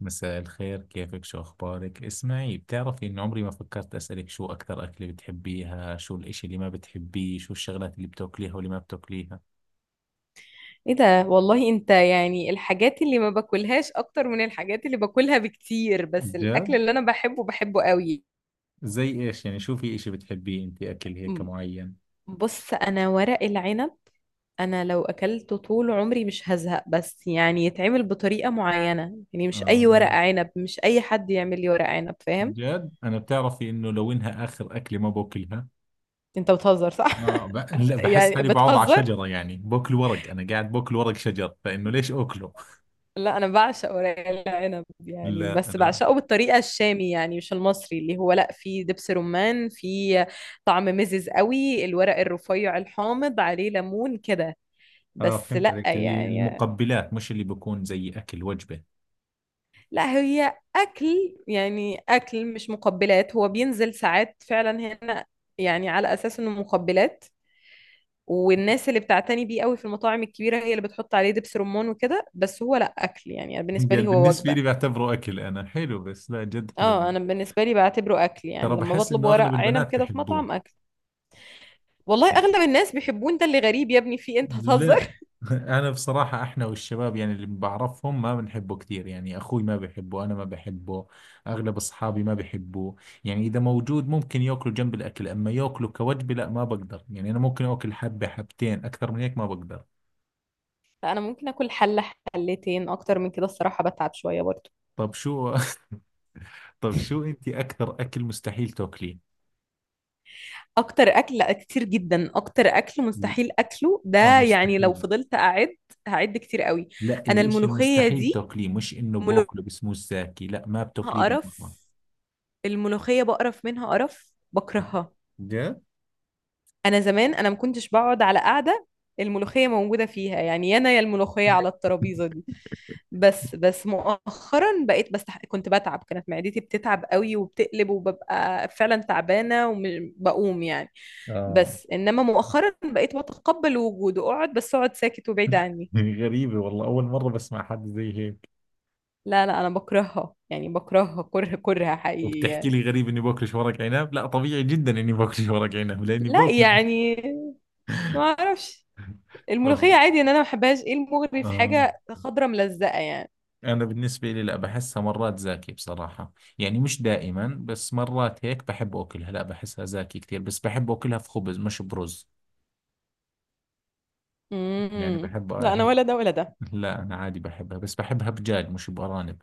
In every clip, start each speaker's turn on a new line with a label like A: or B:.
A: مساء الخير، كيفك؟ شو أخبارك؟ اسمعي، بتعرفي إن عمري ما فكرت أسألك شو أكثر أكلة بتحبيها، شو الإشي اللي ما بتحبيه، شو الشغلات اللي بتاكليها واللي ما بتاكليها؟
B: ايه ده والله، انت يعني الحاجات اللي ما باكلهاش اكتر من الحاجات اللي باكلها بكتير، بس
A: جد؟
B: الاكل اللي انا بحبه بحبه قوي.
A: زي إيش يعني؟ شو في إشي بتحبيه أنت، أكل هيك
B: م-
A: معين؟
B: بص انا ورق العنب، انا لو اكلته طول عمري مش هزهق، بس يعني يتعمل بطريقة معينة. يعني مش اي ورق
A: آه.
B: عنب، مش اي حد يعمل لي ورق عنب، فاهم؟
A: جد؟ أنا بتعرفي إنه لو إنها آخر أكلة ما باكلها.
B: انت بتهزر صح؟
A: آه لا، بحس
B: يعني
A: حالي بقعد على
B: بتهزر.
A: شجرة، يعني باكل ورق، أنا قاعد باكل ورق شجر، فإنه ليش أكله؟
B: لا انا بعشق ورق العنب يعني،
A: لا
B: بس
A: أنا.
B: بعشقه بالطريقه الشامي، يعني مش المصري اللي هو لا فيه دبس رمان، فيه طعم مزز قوي، الورق الرفيع الحامض عليه ليمون كده.
A: آه
B: بس
A: فهمت
B: لا
A: عليك، اللي
B: يعني.
A: المقبلات مش اللي بكون زي أكل وجبة.
B: لا هي اكل يعني، اكل مش مقبلات، هو بينزل ساعات فعلا هنا يعني على اساس انه مقبلات. والناس اللي بتعتني بيه قوي في المطاعم الكبيره هي اللي بتحط عليه دبس رمان وكده، بس هو لا اكل يعني، أنا بالنسبه لي
A: قال
B: هو
A: بالنسبة
B: وجبه.
A: لي بعتبره أكل. أنا حلو بس لا جد حلو.
B: اه انا بالنسبه لي بعتبره اكل،
A: ترى
B: يعني لما
A: بحس
B: بطلب
A: إنه أغلب
B: ورق عنب
A: البنات
B: كده في
A: بحبوه.
B: مطعم اكل. والله اغلب الناس بيحبون ده، اللي غريب يا ابني في إيه؟ انت
A: لا.
B: هتهزر؟
A: أنا بصراحة إحنا والشباب يعني اللي بعرفهم ما بنحبه كثير، يعني أخوي ما بحبه، أنا ما بحبه. أغلب أصحابي ما بحبوه. يعني إذا موجود ممكن يأكله جنب الأكل، أما يأكله كوجبة لا، ما بقدر. يعني أنا ممكن أكل حبة حبتين، أكثر من هيك ما بقدر.
B: فانا ممكن اكل حله حلتين، اكتر من كده الصراحه بتعب شويه برضو.
A: طب شو. طب شو أنت أكثر أكل مستحيل تاكليه؟
B: اكتر اكل، لا كتير جدا اكتر اكل مستحيل اكله
A: آه
B: ده، يعني لو
A: مستحيل.
B: فضلت اعد هعد كتير قوي.
A: لا
B: انا
A: الإشي
B: الملوخيه
A: المستحيل
B: دي،
A: تاكليه، مش إنه
B: ملوخية،
A: باكله بسموه الزاكي لا، ما بتاكليه بالمرة.
B: قرف. الملوخيه بقرف منها، قرف، بكرهها.
A: جد؟
B: انا زمان انا ما كنتش بقعد على قعده الملوخيه موجوده فيها، يعني يا انا يا الملوخيه على الترابيزه دي. بس مؤخرا بقيت، بس كنت بتعب، كانت معدتي بتتعب قوي وبتقلب وببقى فعلا تعبانة وبقوم يعني.
A: آه.
B: بس انما مؤخرا بقيت بتقبل وجوده، اقعد بس اقعد ساكت وبعيد عني.
A: غريبة والله، أول مرة بسمع حد زي هيك.
B: لا لا، انا بكرهها يعني، بكرهها كره كره حقيقي
A: وبتحكي
B: يعني.
A: لي غريب إني باكلش ورق عنب، لا طبيعي جدا إني باكلش ورق عنب لأني
B: لا
A: باكل.
B: يعني ما اعرفش،
A: طب.
B: الملوخية عادي ان انا ما بحبهاش، ايه المغري في
A: آه.
B: حاجة خضرة ملزقة يعني؟
A: أنا بالنسبة لي لا، بحسها مرات زاكي بصراحة. يعني مش دائما بس مرات هيك بحب أكلها، لا بحسها زاكي كثير بس بحب أكلها في خبز مش برز. يعني
B: امم،
A: بحب
B: لا انا
A: هيك.
B: ولا ده ولا ده.
A: لا أنا عادي بحبها بس بحبها بجاج مش بأرانب.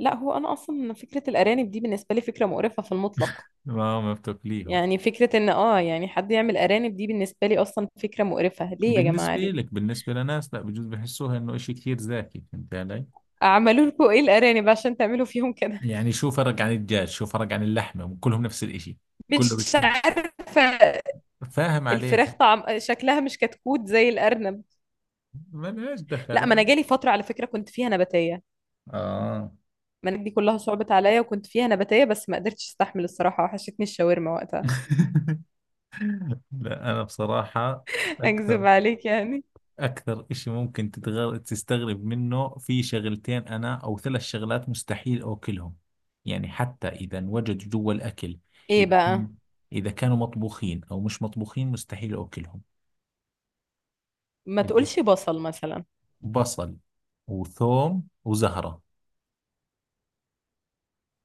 B: لا هو انا اصلا فكرة الارانب دي بالنسبة لي فكرة مقرفة في المطلق.
A: ما بتاكليهم؟
B: يعني فكرة ان اه يعني حد يعمل ارانب دي بالنسبة لي اصلا فكرة مقرفة، ليه يا جماعة
A: بالنسبة
B: دي؟
A: لك، بالنسبة لناس لا بجوز بحسوها انه اشي كثير زاكي، فهمت علي؟
B: اعملوا لكم ايه الارانب عشان تعملوا فيهم كده؟
A: يعني شو فرق عن الدجاج، شو فرق عن اللحمة، كلهم نفس الاشي. كله
B: مش
A: بالتاكل.
B: عارفة.
A: فاهم عليك.
B: الفراخ طعم، شكلها مش كتكوت زي الارنب.
A: ما ليش
B: لا
A: دخل.
B: ما انا جالي فترة على فكرة كنت فيها نباتية.
A: اه.
B: ما أنا دي كلها صعبت عليا وكنت فيها نباتية، بس ما قدرتش استحمل الصراحة، وحشتني الشاورما وقتها.
A: لا انا بصراحة
B: اكذب
A: اكثر.
B: عليك يعني.
A: أكثر إشي ممكن تستغرب منه في شغلتين أنا أو ثلاث شغلات مستحيل أكلهم. يعني حتى إذا انوجدوا جوا الأكل.
B: ايه
A: إذا
B: بقى؟
A: كان... إذا كانوا مطبوخين أو مش مطبوخين مستحيل أكلهم.
B: ما
A: اللي
B: تقولش بصل مثلا.
A: بصل وثوم وزهرة،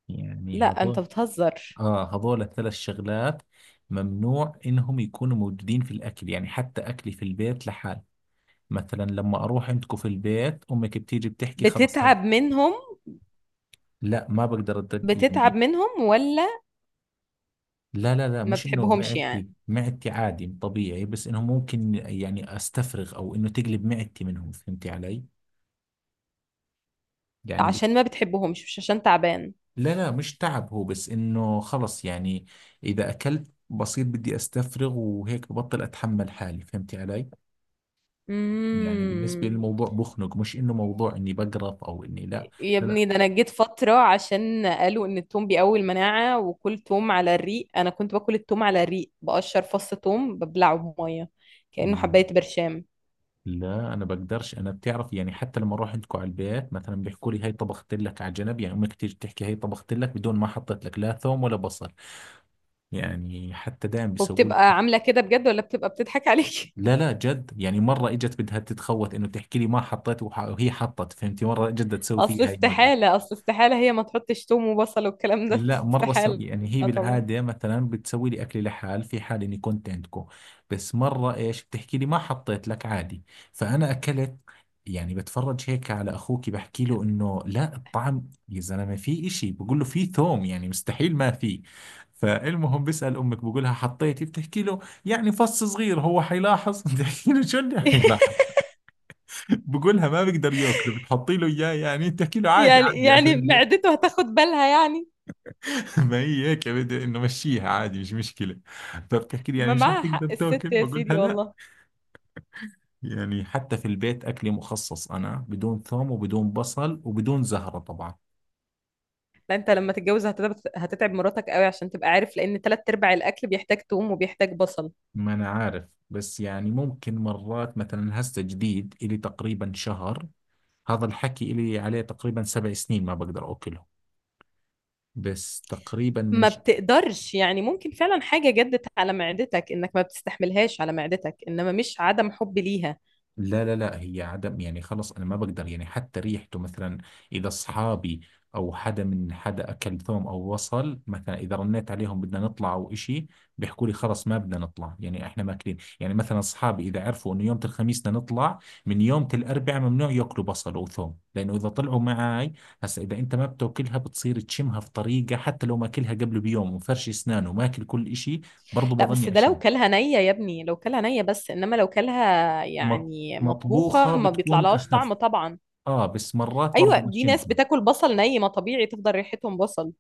A: يعني
B: لا انت
A: هذول.
B: بتهزر.
A: آه هذول الثلاث شغلات ممنوع إنهم يكونوا موجودين في الأكل، يعني حتى أكلي في البيت لحال. مثلا لما أروح عندكم في البيت، أمك بتيجي بتحكي خلص هاي.
B: بتتعب منهم؟
A: لا ما بقدر أدق
B: بتتعب
A: يعني.
B: منهم ولا
A: لا لا لا،
B: ما
A: مش انه
B: بتحبهمش يعني؟
A: معدتي، معدتي عادي طبيعي، بس انه ممكن يعني استفرغ او انه تقلب معدتي منهم، فهمتي علي؟ يعني ب-
B: عشان ما بتحبهمش مش عشان تعبان.
A: لا لا، مش تعب هو، بس انه خلص يعني. اذا اكلت بصير بدي استفرغ وهيك ببطل اتحمل حالي، فهمتي علي؟ يعني بالنسبة
B: امم.
A: للموضوع بخنق، مش انه موضوع اني بقرف او اني لا.
B: يا
A: لا لا.
B: ابني ده انا جيت فترة عشان قالوا ان التوم بيقوي المناعة، وكل توم على الريق، انا كنت باكل التوم على الريق، بقشر فص توم ببلعه بمية كأنه
A: مم.
B: حباية برشام.
A: لا انا بقدرش، انا بتعرف يعني حتى لما اروح عندكم على البيت مثلا بيحكوا لي هاي طبخت لك على جنب، يعني امك تيجي تحكي هاي طبخت لك بدون ما حطيت لك لا ثوم ولا بصل. يعني حتى دايم بيسووا لي-
B: وبتبقى عاملة كده بجد ولا بتبقى بتضحك عليك؟
A: لا لا جد يعني، مرة اجت بدها تتخوت انه تحكي لي ما حطيت وهي حطت، فهمتي؟ مرة جد تسوي
B: اصل
A: فيها هاي المقدر.
B: استحالة، اصل استحالة هي ما تحطش توم وبصل والكلام ده.
A: لا مرة سو...
B: استحالة
A: يعني هي
B: طبعا.
A: بالعادة مثلا بتسوي لي أكلي لحال في حال إني كنت عندكم. بس مرة إيش بتحكي لي ما حطيت لك عادي. فأنا أكلت. يعني بتفرج هيك على أخوك بحكي له إنه لا الطعم، يا زلمة في إشي، بقول له في ثوم، يعني مستحيل ما في. فالمهم بسأل أمك بقول لها حطيتي، بتحكي له يعني فص صغير هو حيلاحظ. بتحكي له شو اللي حيلاحظ. بقول لها ما بقدر ياكله، بتحطي له إياه يعني، بتحكي له عادي
B: يعني
A: عادي
B: يعني
A: عشان.
B: معدته هتاخد بالها يعني.
A: ما هي هيك يا، بدي انه مشيها عادي مش مشكله. فبتحكي لي يعني
B: ما
A: مش رح
B: معاها
A: تقدر
B: حق الست
A: تاكل،
B: يا
A: بقولها
B: سيدي
A: لا.
B: والله.
A: يعني حتى في البيت اكلي مخصص انا بدون ثوم وبدون بصل وبدون زهره طبعا.
B: لا انت لما تتجوز هتتعب، هتتعب مراتك قوي، عشان تبقى عارف لان تلات ارباع الاكل بيحتاج توم وبيحتاج بصل.
A: ما انا عارف، بس يعني ممكن مرات مثلا هسه جديد، الي تقريبا شهر. هذا الحكي الي عليه تقريبا 7 سنين ما بقدر اكله. بس تقريبا من
B: ما بتقدرش يعني، ممكن فعلا حاجه جدت على معدتك انك ما بتستحملهاش على معدتك، انما مش عدم حب ليها.
A: لا لا لا، هي عدم يعني خلص، انا ما بقدر. يعني حتى ريحته مثلا، اذا اصحابي او حدا من حدا اكل ثوم او وصل مثلا، اذا رنيت عليهم بدنا نطلع او اشي، بيحكوا لي خلص ما بدنا نطلع، يعني احنا ماكلين. يعني مثلا اصحابي اذا عرفوا انه يوم الخميس بدنا نطلع، من يوم الاربعاء ممنوع ياكلوا بصل او ثوم، لانه اذا طلعوا معاي، هسا اذا انت ما بتاكلها بتصير تشمها في طريقة، حتى لو ماكلها قبل بيوم ومفرش اسنانه وماكل كل اشي، برضه
B: لا بس
A: بظني
B: ده لو
A: اشم.
B: كلها نيه يا ابني، لو كلها نيه، بس انما لو كلها
A: مط-
B: يعني
A: مطبوخة
B: مطبوخه ما
A: بتكون
B: بيطلعلهاش
A: اخف.
B: طعم طبعا.
A: اه بس مرات
B: ايوه
A: برضو
B: دي ناس
A: بشمهم.
B: بتاكل بصل ني، ما طبيعي تفضل ريحتهم بصل.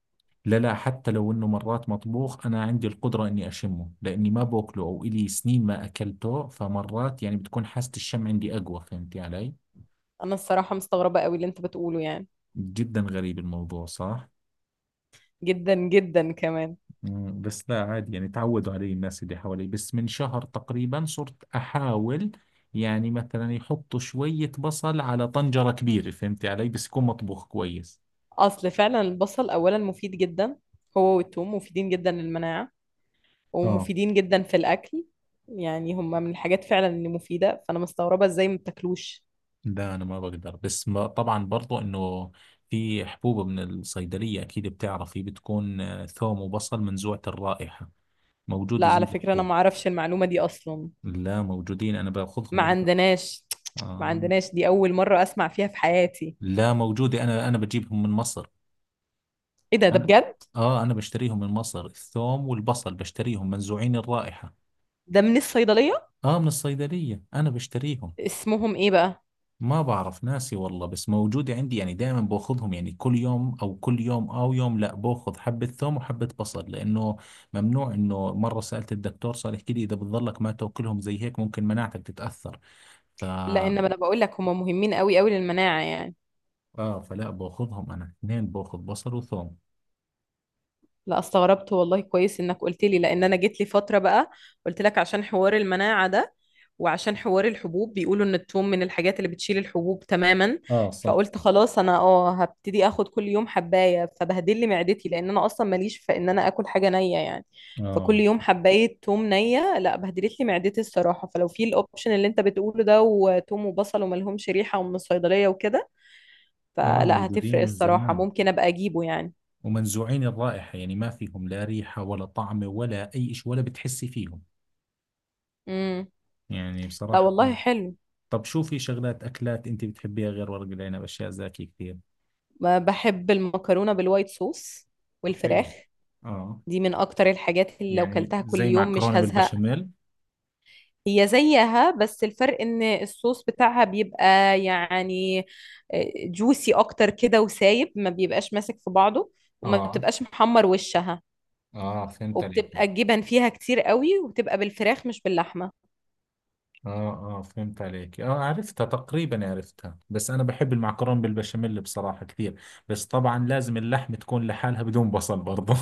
A: لا لا، حتى لو انه مرات مطبوخ انا عندي القدرة اني اشمه، لاني ما باكله او الي سنين ما اكلته، فمرات يعني بتكون حاسة الشم عندي اقوى، فهمتي علي؟
B: انا الصراحه مستغربه قوي اللي انت بتقوله يعني.
A: جدا غريب الموضوع، صح.
B: جدا جدا كمان.
A: مم، بس لا عادي، يعني تعودوا علي الناس اللي حوالي. بس من شهر تقريبا صرت احاول، يعني مثلا يحطوا شوية بصل على طنجرة كبيرة، فهمتي علي، بس يكون مطبوخ كويس.
B: اصل فعلا البصل اولا مفيد جدا، هو والثوم مفيدين جدا للمناعة،
A: اه.
B: ومفيدين جدا في الاكل. يعني هما من الحاجات فعلا اللي مفيدة، فانا مستغربة ازاي ما بتاكلوش.
A: ده انا ما بقدر، بس ما طبعا برضو انه في حبوب من الصيدليه اكيد بتعرفي بتكون آه، ثوم وبصل منزوعه الرائحه،
B: لا
A: موجوده زي
B: على فكرة انا
A: الحبوب.
B: ما اعرفش المعلومة دي اصلا.
A: لا موجودين، انا باخذهم
B: ما
A: الي.
B: عندناش. ما
A: آه.
B: عندناش، دي اول مرة اسمع فيها في حياتي.
A: لا موجوده، انا بجيبهم من مصر.
B: ايه ده، ده
A: انا
B: بجد؟
A: اه، بشتريهم من مصر الثوم والبصل، بشتريهم منزوعين الرائحه.
B: ده من الصيدلية؟
A: اه من الصيدليه انا بشتريهم.
B: اسمهم ايه بقى؟
A: ما بعرف ناسي والله، بس موجودة عندي، يعني دائما باخذهم يعني كل يوم او كل يوم او يوم لا، باخذ حبة ثوم وحبة بصل، لانه ممنوع. انه مرة سألت الدكتور صار يحكي لي اذا بتضلك ما تاكلهم زي هيك ممكن مناعتك تتأثر. ف
B: لا انما انا بقول لك هما مهمين قوي قوي للمناعة يعني.
A: اه فلا باخذهم انا اثنين، باخذ بصل وثوم.
B: لا استغربت والله، كويس انك قلت لي، لان انا جيت لي فتره بقى، قلت لك عشان حوار المناعه ده، وعشان حوار الحبوب بيقولوا ان الثوم من الحاجات اللي بتشيل الحبوب تماما.
A: اه صح.
B: فقلت خلاص انا اه هبتدي اخد كل يوم حبايه، فبهدل لي معدتي، لان انا اصلا ماليش في ان انا اكل حاجه نيه يعني. فكل
A: اه
B: يوم حبايه ثوم نيه، لا بهدلت لي معدتي الصراحه. فلو في الاوبشن اللي انت بتقوله ده، وثوم وبصل وملهمش ريحه ومن الصيدليه وكده،
A: اه
B: فلا هتفرق
A: موجودين من
B: الصراحه،
A: زمان،
B: ممكن ابقى اجيبه يعني.
A: ومنزوعين الرائحة، يعني ما فيهم لا ريحة ولا طعم ولا اي شيء ولا بتحسي فيهم.
B: امم.
A: يعني
B: لا
A: بصراحة.
B: والله حلو.
A: طب شو في شغلات أكلات أنت بتحبيها غير ورق العنب، أشياء زاكية كثير؟
B: ما بحب المكرونة بالوايت صوص
A: حلو.
B: والفراخ،
A: آه.
B: دي من اكتر الحاجات اللي لو
A: يعني
B: كلتها كل
A: زي
B: يوم مش
A: معكرونة
B: هزهق.
A: بالبشاميل.
B: هي زيها بس الفرق ان الصوص بتاعها بيبقى يعني جوسي اكتر كده وسايب، ما بيبقاش ماسك في بعضه، وما
A: اه
B: بتبقاش محمر وشها،
A: اه فهمت عليك.
B: وبتبقى الجبن فيها كتير قوي، وبتبقى بالفراخ مش باللحمة.
A: آه آه فهمت عليك، آه عرفتها تقريبا، عرفتها، بس أنا بحب المعكرونة بالبشاميل بصراحة كثير. بس طبعا لازم اللحم تكون لحالها بدون بصل برضه.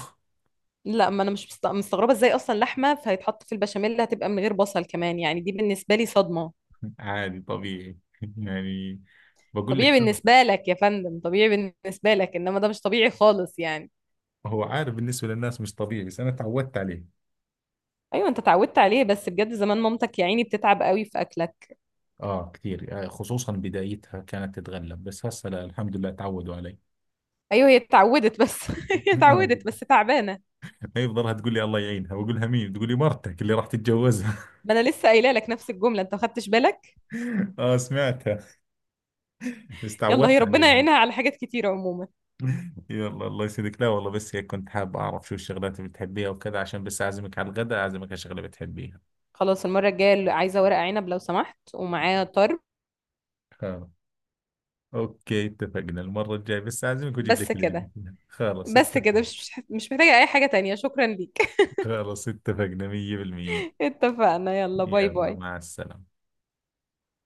B: لا ما انا مش مستغربة ازاي اصلا لحمة فهيتحط في البشاميل هتبقى من غير بصل كمان يعني، دي بالنسبة لي صدمة.
A: عادي طبيعي، يعني بقول لك.
B: طبيعي بالنسبة لك يا فندم، طبيعي بالنسبة لك انما ده مش طبيعي خالص يعني.
A: هو عارف بالنسبة للناس مش طبيعي، بس أنا تعودت عليه.
B: ايوه انت اتعودت عليه، بس بجد زمان مامتك يا عيني بتتعب قوي في اكلك.
A: آه كثير، آه، خصوصا بدايتها كانت تتغلب، بس هسه لا الحمد لله تعودوا علي.
B: ايوه هي اتعودت بس هي
A: آه،
B: اتعودت بس تعبانة.
A: هي بضلها تقول لي الله يعينها، بقول لها مين، تقول لي مرتك اللي راح تتجوزها.
B: ما انا لسه قايله لك نفس الجملة، انت ما خدتش بالك.
A: آه سمعتها. بس
B: يلا
A: تعودت
B: هي ربنا
A: عليها.
B: يعينها على حاجات كتيرة عموما.
A: يلا الله يسعدك. لا والله بس هيك كنت حاب أعرف شو الشغلات اللي بتحبيها وكذا، عشان بس أعزمك على الغداء، أعزمك على شغلة بتحبيها.
B: خلاص المرة الجاية اللي عايزة ورق عنب لو سمحت ومعاه طرب.
A: خلاص. أوكي اتفقنا، المرة الجاية بس أعزمك وأجيب
B: بس
A: لك اللي بدك
B: كده،
A: إياه. خلاص
B: بس
A: اتفق.
B: كده مش محتاجة اي حاجة تانية، شكرا ليك.
A: خلاص اتفقنا 100%.
B: اتفقنا، يلا باي
A: يلا
B: باي.
A: مع السلامة.